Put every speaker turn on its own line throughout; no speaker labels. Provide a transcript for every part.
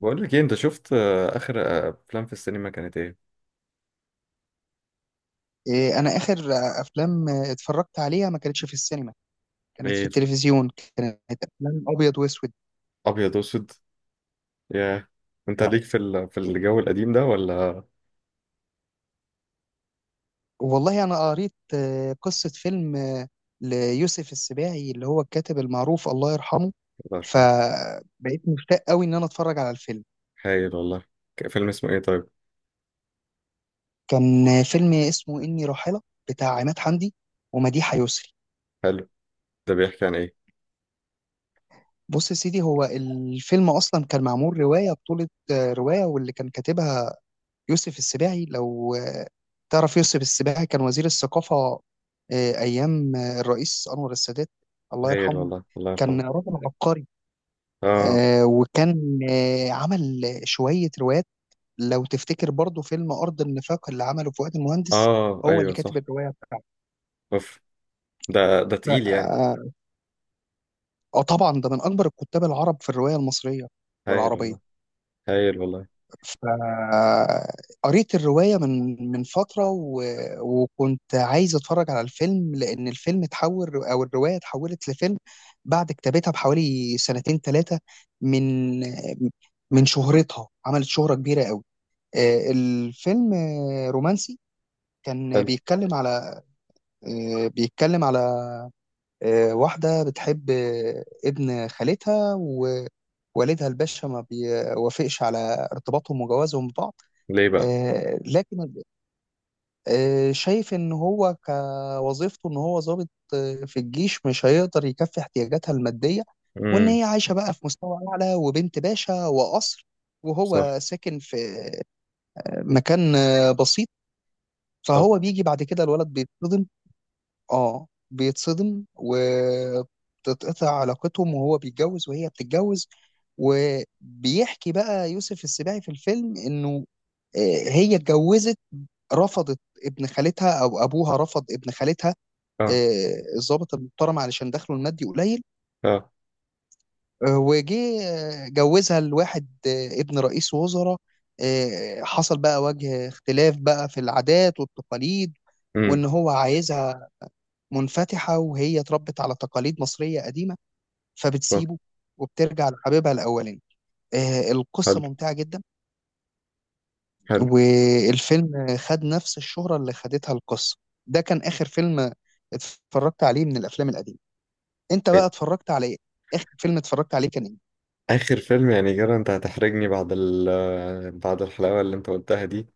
بقول لك ايه؟ انت شفت اخر افلام في السينما كانت ايه؟
إيه، انا اخر افلام اتفرجت عليها ما كانتش في السينما. كانت في
ايه،
التلفزيون. كانت افلام ابيض واسود.
ابيض واسود. يا انت لا ليك في الجو القديم ده ولا؟
والله انا قريت قصة فيلم ليوسف السباعي اللي هو الكاتب المعروف الله يرحمه.
الله يرحمه.
فبقيت مشتاق قوي ان انا اتفرج على الفيلم.
هايل والله. فيلم اسمه ايه طيب؟
كان فيلم اسمه اني راحلة، بتاع عماد حمدي ومديحة يسري.
حلو، ده بيحكي عن ايه؟
بص يا سيدي، هو الفيلم اصلا كان معمول رواية بطولة رواية، واللي كان كاتبها يوسف السباعي. لو تعرف، يوسف السباعي كان وزير الثقافة أيام الرئيس أنور السادات الله
هايل
يرحمه.
والله، الله
كان
يرحمه.
راجل عبقري.
اه.
وكان عمل شوية روايات. لو تفتكر برضو فيلم أرض النفاق اللي عمله فؤاد المهندس،
اه
هو اللي
ايوه
كاتب
صح.
الرواية بتاعته.
اوف، ده
ف-
تقيل يعني.
آه طبعا ده من أكبر الكتاب العرب في الرواية المصرية
هايل
والعربية.
والله، هايل والله.
فقريت الرواية من فترة وكنت عايز اتفرج على الفيلم لأن الفيلم اتحول، أو الرواية اتحولت لفيلم بعد كتابتها بحوالي سنتين ثلاثة من من شهرتها. عملت شهرة كبيرة قوي. الفيلم رومانسي، كان
حلو.
بيتكلم على آه، بيتكلم على واحدة بتحب ابن خالتها، ووالدها الباشا ما بيوافقش على ارتباطهم وجوازهم ببعض.
ليه بقى؟
لكن شايف ان هو، كوظيفته ان هو ضابط في الجيش، مش هيقدر يكفي احتياجاتها المادية. وان
امم.
هي عايشة بقى في مستوى اعلى وبنت باشا وقصر،
صح.
وهو ساكن في مكان بسيط.
صح.
فهو بيجي بعد كده، الولد بيتصدم. اه بيتصدم، وتتقطع علاقتهم، وهو بيتجوز وهي بتتجوز. وبيحكي بقى يوسف السباعي في الفيلم انه آه، هي اتجوزت رفضت ابن خالتها، او ابوها رفض ابن خالتها
اه.
الضابط المحترم علشان دخله المادي قليل.
اه.
آه، وجه آه، جوزها لواحد ابن رئيس وزراء. حصل بقى وجه اختلاف بقى في العادات والتقاليد،
امم.
وان هو عايزها منفتحة وهي اتربت على تقاليد مصرية قديمة،
صح.
فبتسيبه وبترجع لحبيبها الاولاني. القصة
حلو،
ممتعة جدا.
حلو.
والفيلم خد نفس الشهرة اللي خدتها القصة. ده كان آخر فيلم اتفرجت عليه من الأفلام القديمة. أنت بقى اتفرجت على إيه؟ آخر فيلم اتفرجت عليه كان إيه؟
آخر فيلم يعني كده؟ أنت هتحرجني بعد بعد الحلاوة اللي أنت قلتها دي.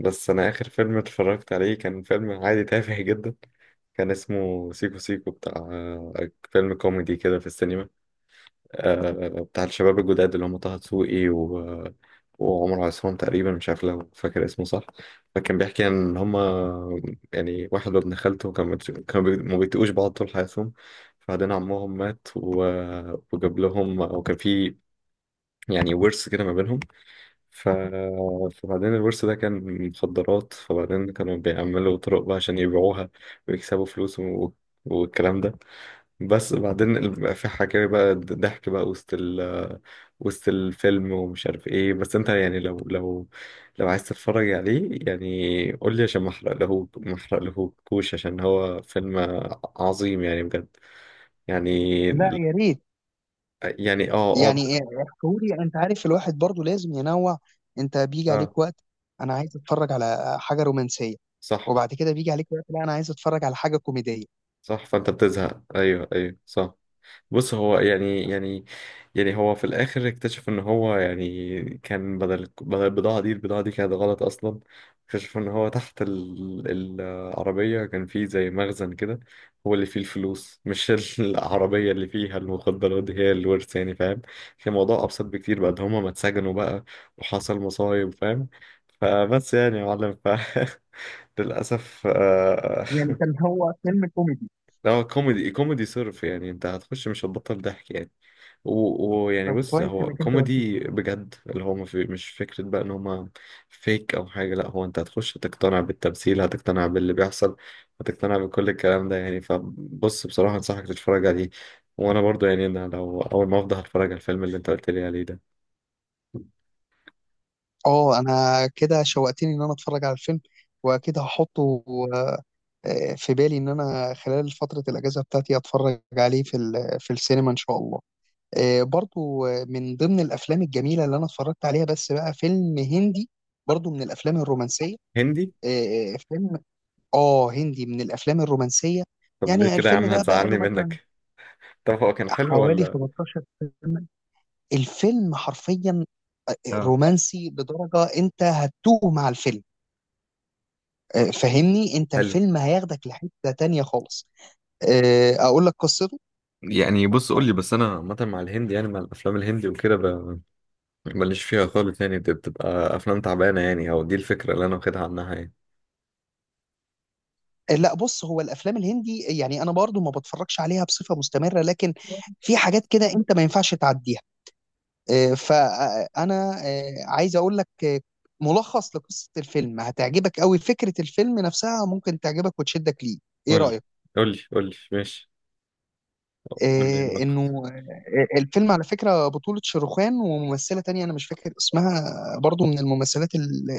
بس أنا آخر فيلم اتفرجت عليه كان فيلم عادي تافه جدا. كان اسمه سيكو سيكو، بتاع فيلم كوميدي كده في السينما. بتاع الشباب الجداد اللي هم طه دسوقي وعمر عصام تقريبا، مش عارف لو فاكر اسمه صح. فكان بيحكي إن هم يعني واحد وابن خالته كانوا بيت- كانوا بي- ما بيتقوش بعض طول حياتهم. بعدين عمهم مات وجاب لهم أو كان في يعني ورث كده ما بينهم. ف... فبعدين الورث ده كان مخدرات، فبعدين كانوا بيعملوا طرق بقى عشان يبيعوها ويكسبوا فلوس والكلام ده. بس بعدين بقى في حكاية بقى ضحك بقى وسط وسط الفيلم ومش عارف ايه، بس انت يعني لو عايز تتفرج عليه يعني قول لي، عشان ما احرق له، ما احرق له كوش، عشان هو فيلم عظيم يعني بجد يعني.
لا، يا ريت.
يعني اه
يعني إيه؟ احكولي. أنت عارف، الواحد برضو لازم ينوع. أنت بيجي
آه.
عليك وقت أنا عايز أتفرج على حاجة رومانسية،
صح.
وبعد كده بيجي عليك وقت لا أنا عايز أتفرج على حاجة كوميدية.
صح، فانت بتزهق. ايوه ايوه صح. بص هو يعني هو في الاخر اكتشف ان هو يعني كان بدل البضاعه دي، البضاعه دي كانت غلط اصلا. اكتشف ان هو تحت العربيه كان فيه زي مخزن كده، هو اللي فيه الفلوس مش العربيه اللي فيها المخدرات دي، هي الورث يعني، فاهم؟ كان الموضوع ابسط بكتير، بعد هما ما اتسجنوا بقى وحصل مصايب، فاهم؟ فبس يعني يا معلم ف للاسف
يعني كان هو فيلم كوميدي.
هو كوميدي، كوميدي صرف يعني، انت هتخش مش هتبطل ضحك يعني. ويعني
طب
بص
كويس
هو
إنك أنت قلت.
كوميدي بجد، اللي هو ما في- مش فكرة بقى ان هما فيك او حاجة. لا هو انت هتخش هتقتنع بالتمثيل، هتقتنع باللي بيحصل، هتقتنع بكل الكلام ده يعني. فبص بصراحة انصحك تتفرج عليه، وانا برضو يعني انا لو اول ما افضل هتفرج على الفيلم اللي انت قلت لي عليه ده.
اه، انا كده شوقتني ان انا اتفرج على الفيلم، واكيد هحطه آه، في بالي ان انا خلال فترة الاجازة بتاعتي اتفرج عليه في في السينما ان شاء الله. برضو من ضمن الافلام الجميلة اللي انا اتفرجت عليها بس بقى فيلم هندي، برضو من الافلام الرومانسية.
هندي؟
فيلم اه هندي من الافلام الرومانسية.
طب ليه
يعني
كده يا
الفيلم
عم،
ده بقى
هتزعلني
له مثلا
منك. طب هو كان حلو
حوالي
ولا؟
15 سنة. الفيلم حرفيا
اه.
رومانسي لدرجة انت هتتوه مع الفيلم. فهمني، انت
حلو،
الفيلم هياخدك لحتة تانية خالص. اقول لك قصته.
يعني بص قول لي، بس انا عامه مع الهندي يعني، مع الافلام الهندي وكده ماليش فيها خالص يعني، دي بتبقى افلام تعبانه يعني، او دي الفكره اللي انا واخدها عنها يعني.
لا بص، هو الافلام الهندي يعني انا برضو ما بتفرجش عليها بصفة مستمرة، لكن في حاجات كده انت ما ينفعش تعديها. فانا عايز اقول لك ملخص لقصة الفيلم هتعجبك قوي. فكرة الفيلم نفسها ممكن تعجبك وتشدك ليه. ايه
قولي،
رأيك؟
قولي، قولي، ماشي قولي
آه، انه
الملخص.
آه، آه، الفيلم على فكرة بطولة شاروخان وممثلة تانية انا مش فاكر اسمها، برضو من الممثلات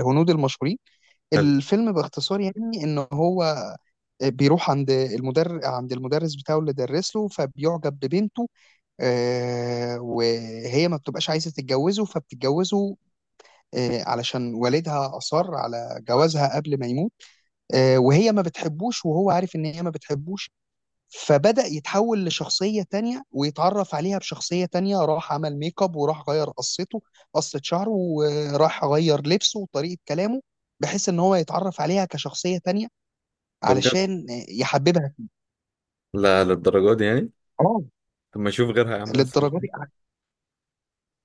الهنود المشهورين.
حلو.
الفيلم باختصار يعني ان هو بيروح عند المدرس، بتاعه اللي درس له، فبيعجب ببنته. وهي ما بتبقاش عايزه تتجوزه، فبتتجوزه علشان والدها اصر على جوازها قبل ما يموت. وهي ما بتحبوش، وهو عارف ان هي ما بتحبوش، فبدأ يتحول لشخصية تانية ويتعرف عليها بشخصية تانية. راح عمل ميك اب، وراح غير قصة شعره، وراح غير لبسه وطريقة كلامه، بحيث ان هو يتعرف عليها كشخصية تانية
طب بجد؟
علشان يحببها.
لا للدرجه دي يعني؟
اه،
طب ما اشوف غيرها يا عم، اسهل.
للدرجه دي.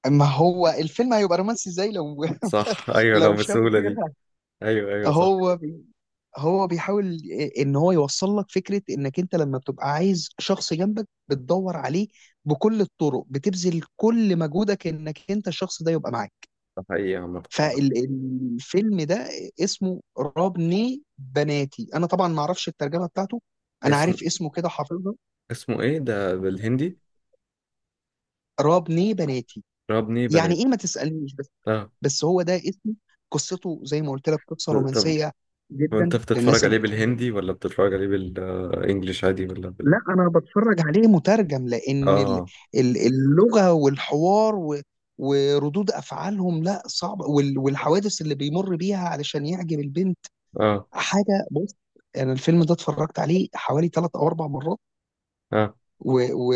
ما هو الفيلم هيبقى رومانسي ازاي لو
صح، ايوه
لو
لو
شاف
بالسهوله دي.
غيرها.
ايوه ايوه صح.
هو بي هو بيحاول ان هو يوصل لك فكره انك انت لما بتبقى عايز شخص جنبك بتدور عليه بكل الطرق، بتبذل كل مجهودك انك انت الشخص ده يبقى معاك.
ده حقيقي عامه.
فالفيلم ده اسمه رابني بناتي. انا طبعا ما اعرفش الترجمه بتاعته، انا
اسمه؟
عارف اسمه كده حافظه.
اسمه ايه ده بالهندي؟
رابني بناتي
ربني
يعني
بنات.
ايه ما تسالنيش،
اه.
بس هو ده اسمه. قصته زي ما قلت لك قصه
طب
رومانسيه
وانت
جدا للناس
بتتفرج
اللي
عليه
بتحب
بالهندي ولا بتتفرج عليه بالانجلش عادي ولا بال؟
لا انا بتفرج عليه مترجم لان
اه.
اللغه والحوار وردود افعالهم لا صعبه، والحوادث اللي بيمر بيها علشان يعجب البنت
اه.
حاجه. بص، انا الفيلم ده اتفرجت عليه حوالي 3 أو 4 مرات
اه.
و... و...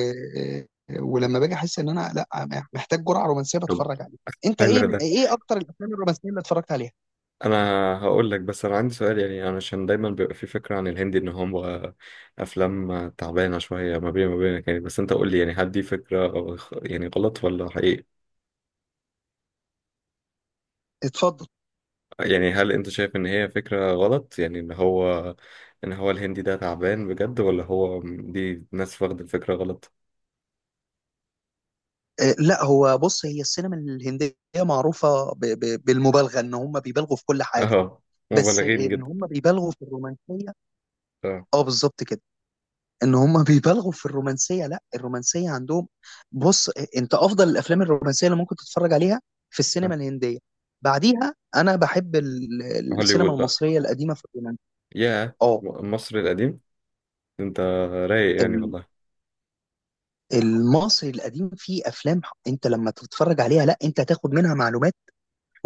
ولما باجي احس ان انا لا محتاج جرعه رومانسيه
طب.
بتفرج عليه. انت ايه،
حلو ده.
اكتر الافلام الرومانسيه اللي اتفرجت عليها؟
انا هقول لك، بس انا عندي سؤال يعني، انا عشان دايما بيبقى في فكره عن الهندي ان هو افلام تعبانه شويه ما بين ما بينك يعني، بس انت قول لي يعني هل دي فكره يعني غلط ولا حقيقي؟
اتفضل.
يعني هل انت شايف ان هي فكره غلط يعني، ان هو ان هو الهندي ده تعبان بجد، ولا هو دي ناس واخده الفكره غلط؟
لا هو بص، هي السينما الهندية معروفة بالمبالغة. ان هم بيبالغوا في كل حاجة،
اه.
بس
مبالغين
ان
جدا.
هم بيبالغوا في الرومانسية.
اه.
اه، بالظبط كده. ان هم بيبالغوا في الرومانسية، لا الرومانسية عندهم، بص، انت افضل الافلام الرومانسية اللي ممكن تتفرج عليها في السينما
آه.
الهندية. بعديها انا بحب
هوليوود
السينما
بقى؟
المصرية القديمة في الرومانسية.
يا
اه،
مصر القديم، انت رايق يعني
ال-
والله.
المصري القديم فيه افلام انت لما تتفرج عليها لا انت هتاخد منها معلومات،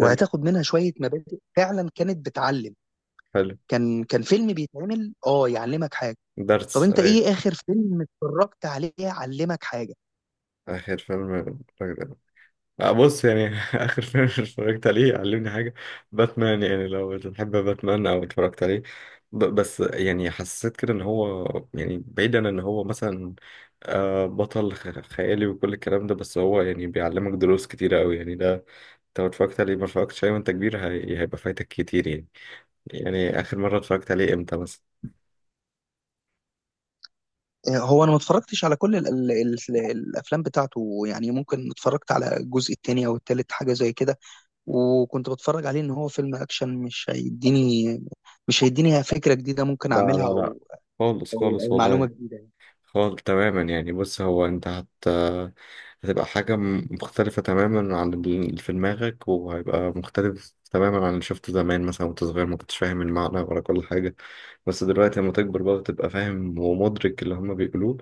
حلو،
منها شوية مبادئ فعلا كانت بتعلم.
حلو.
كان فيلم بيتعمل اه يعلمك حاجه. طب
درس،
انت
ايوه.
ايه اخر فيلم اتفرجت عليه علمك حاجه؟
آخر فيلم؟ بص يعني اخر فيلم اتفرجت عليه علمني حاجه، باتمان، يعني لو بتحب باتمان او اتفرجت عليه. بس يعني حسيت كده ان هو يعني، بعيدا ان هو مثلا بطل خيالي وكل الكلام ده، بس هو يعني بيعلمك دروس كتيره قوي يعني. ده انت لو اتفرجت عليه، ما اتفرجتش عليه وانت كبير، هيبقى فايتك كتير يعني. يعني اخر مره اتفرجت عليه امتى مثلا؟
هو انا ما اتفرجتش على كل ال ال ال الافلام بتاعته، يعني ممكن اتفرجت على الجزء الثاني او الثالث حاجه زي كده. وكنت بتفرج عليه ان هو فيلم اكشن، مش هيديني فكره جديده ممكن
لا
اعملها،
لا لا
او
خالص
او
خالص
أو معلومه
والله،
جديده يعني.
خالص تماما يعني. بص هو انت هتبقى حاجة مختلفة تماما عن اللي في دماغك، وهيبقى مختلف تماما عن اللي شفته زمان مثلا وانت صغير ما كنتش فاهم المعنى ولا كل حاجة. بس دلوقتي لما تكبر بقى وتبقى فاهم ومدرك اللي هما بيقولوه،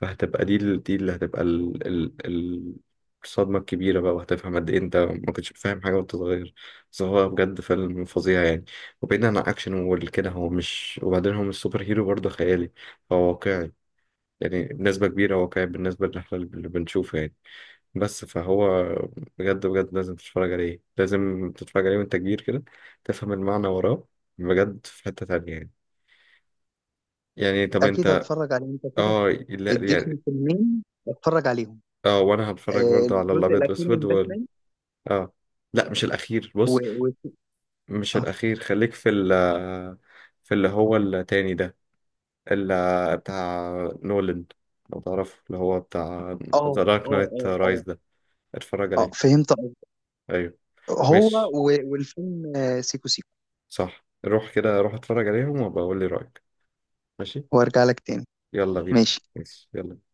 فهتبقى دي دي اللي هتبقى الصدمة الكبيرة بقى، وهتفهم قد إيه أنت ما كنتش فاهم حاجة وأنت صغير. بس هو بجد فيلم فظيع يعني. وبعيدا عن أكشن وكده، هو مش، وبعدين هو مش سوبر هيرو برضه خيالي، هو واقعي يعني، بنسبة كبيرة واقعي بالنسبة للي اللي بنشوفه يعني. بس فهو بجد بجد لازم تتفرج عليه، لازم تتفرج عليه وانت كبير كده تفهم المعنى وراه. بجد في حتة تانية يعني. يعني طب
اكيد
انت.
هتفرج عليه انت كده،
اه لا
اديتني
يعني.
فيلمين اتفرج عليهم.
اه وانا هتفرج برضه على
الجزء
الابيض
الاخير
واسود
من باتمان
اه. لا مش الاخير
و...
بص،
و...
مش
اه،
الاخير، خليك في ال في اللي هو التاني ده، اللي بتاع نولان، لو تعرف اللي هو بتاع
اه،
ذا دارك
اه،
نايت
اه، اه،
رايز ده، اتفرج عليه.
فهمت.
ايوه.
هو
ماشي.
والفيلم سيكو سيكو.
صح، روح كده روح اتفرج عليهم وبقول لي رأيك. ماشي
وارجع لك تاني.
يلا بينا.
ماشي.
ماشي يلا.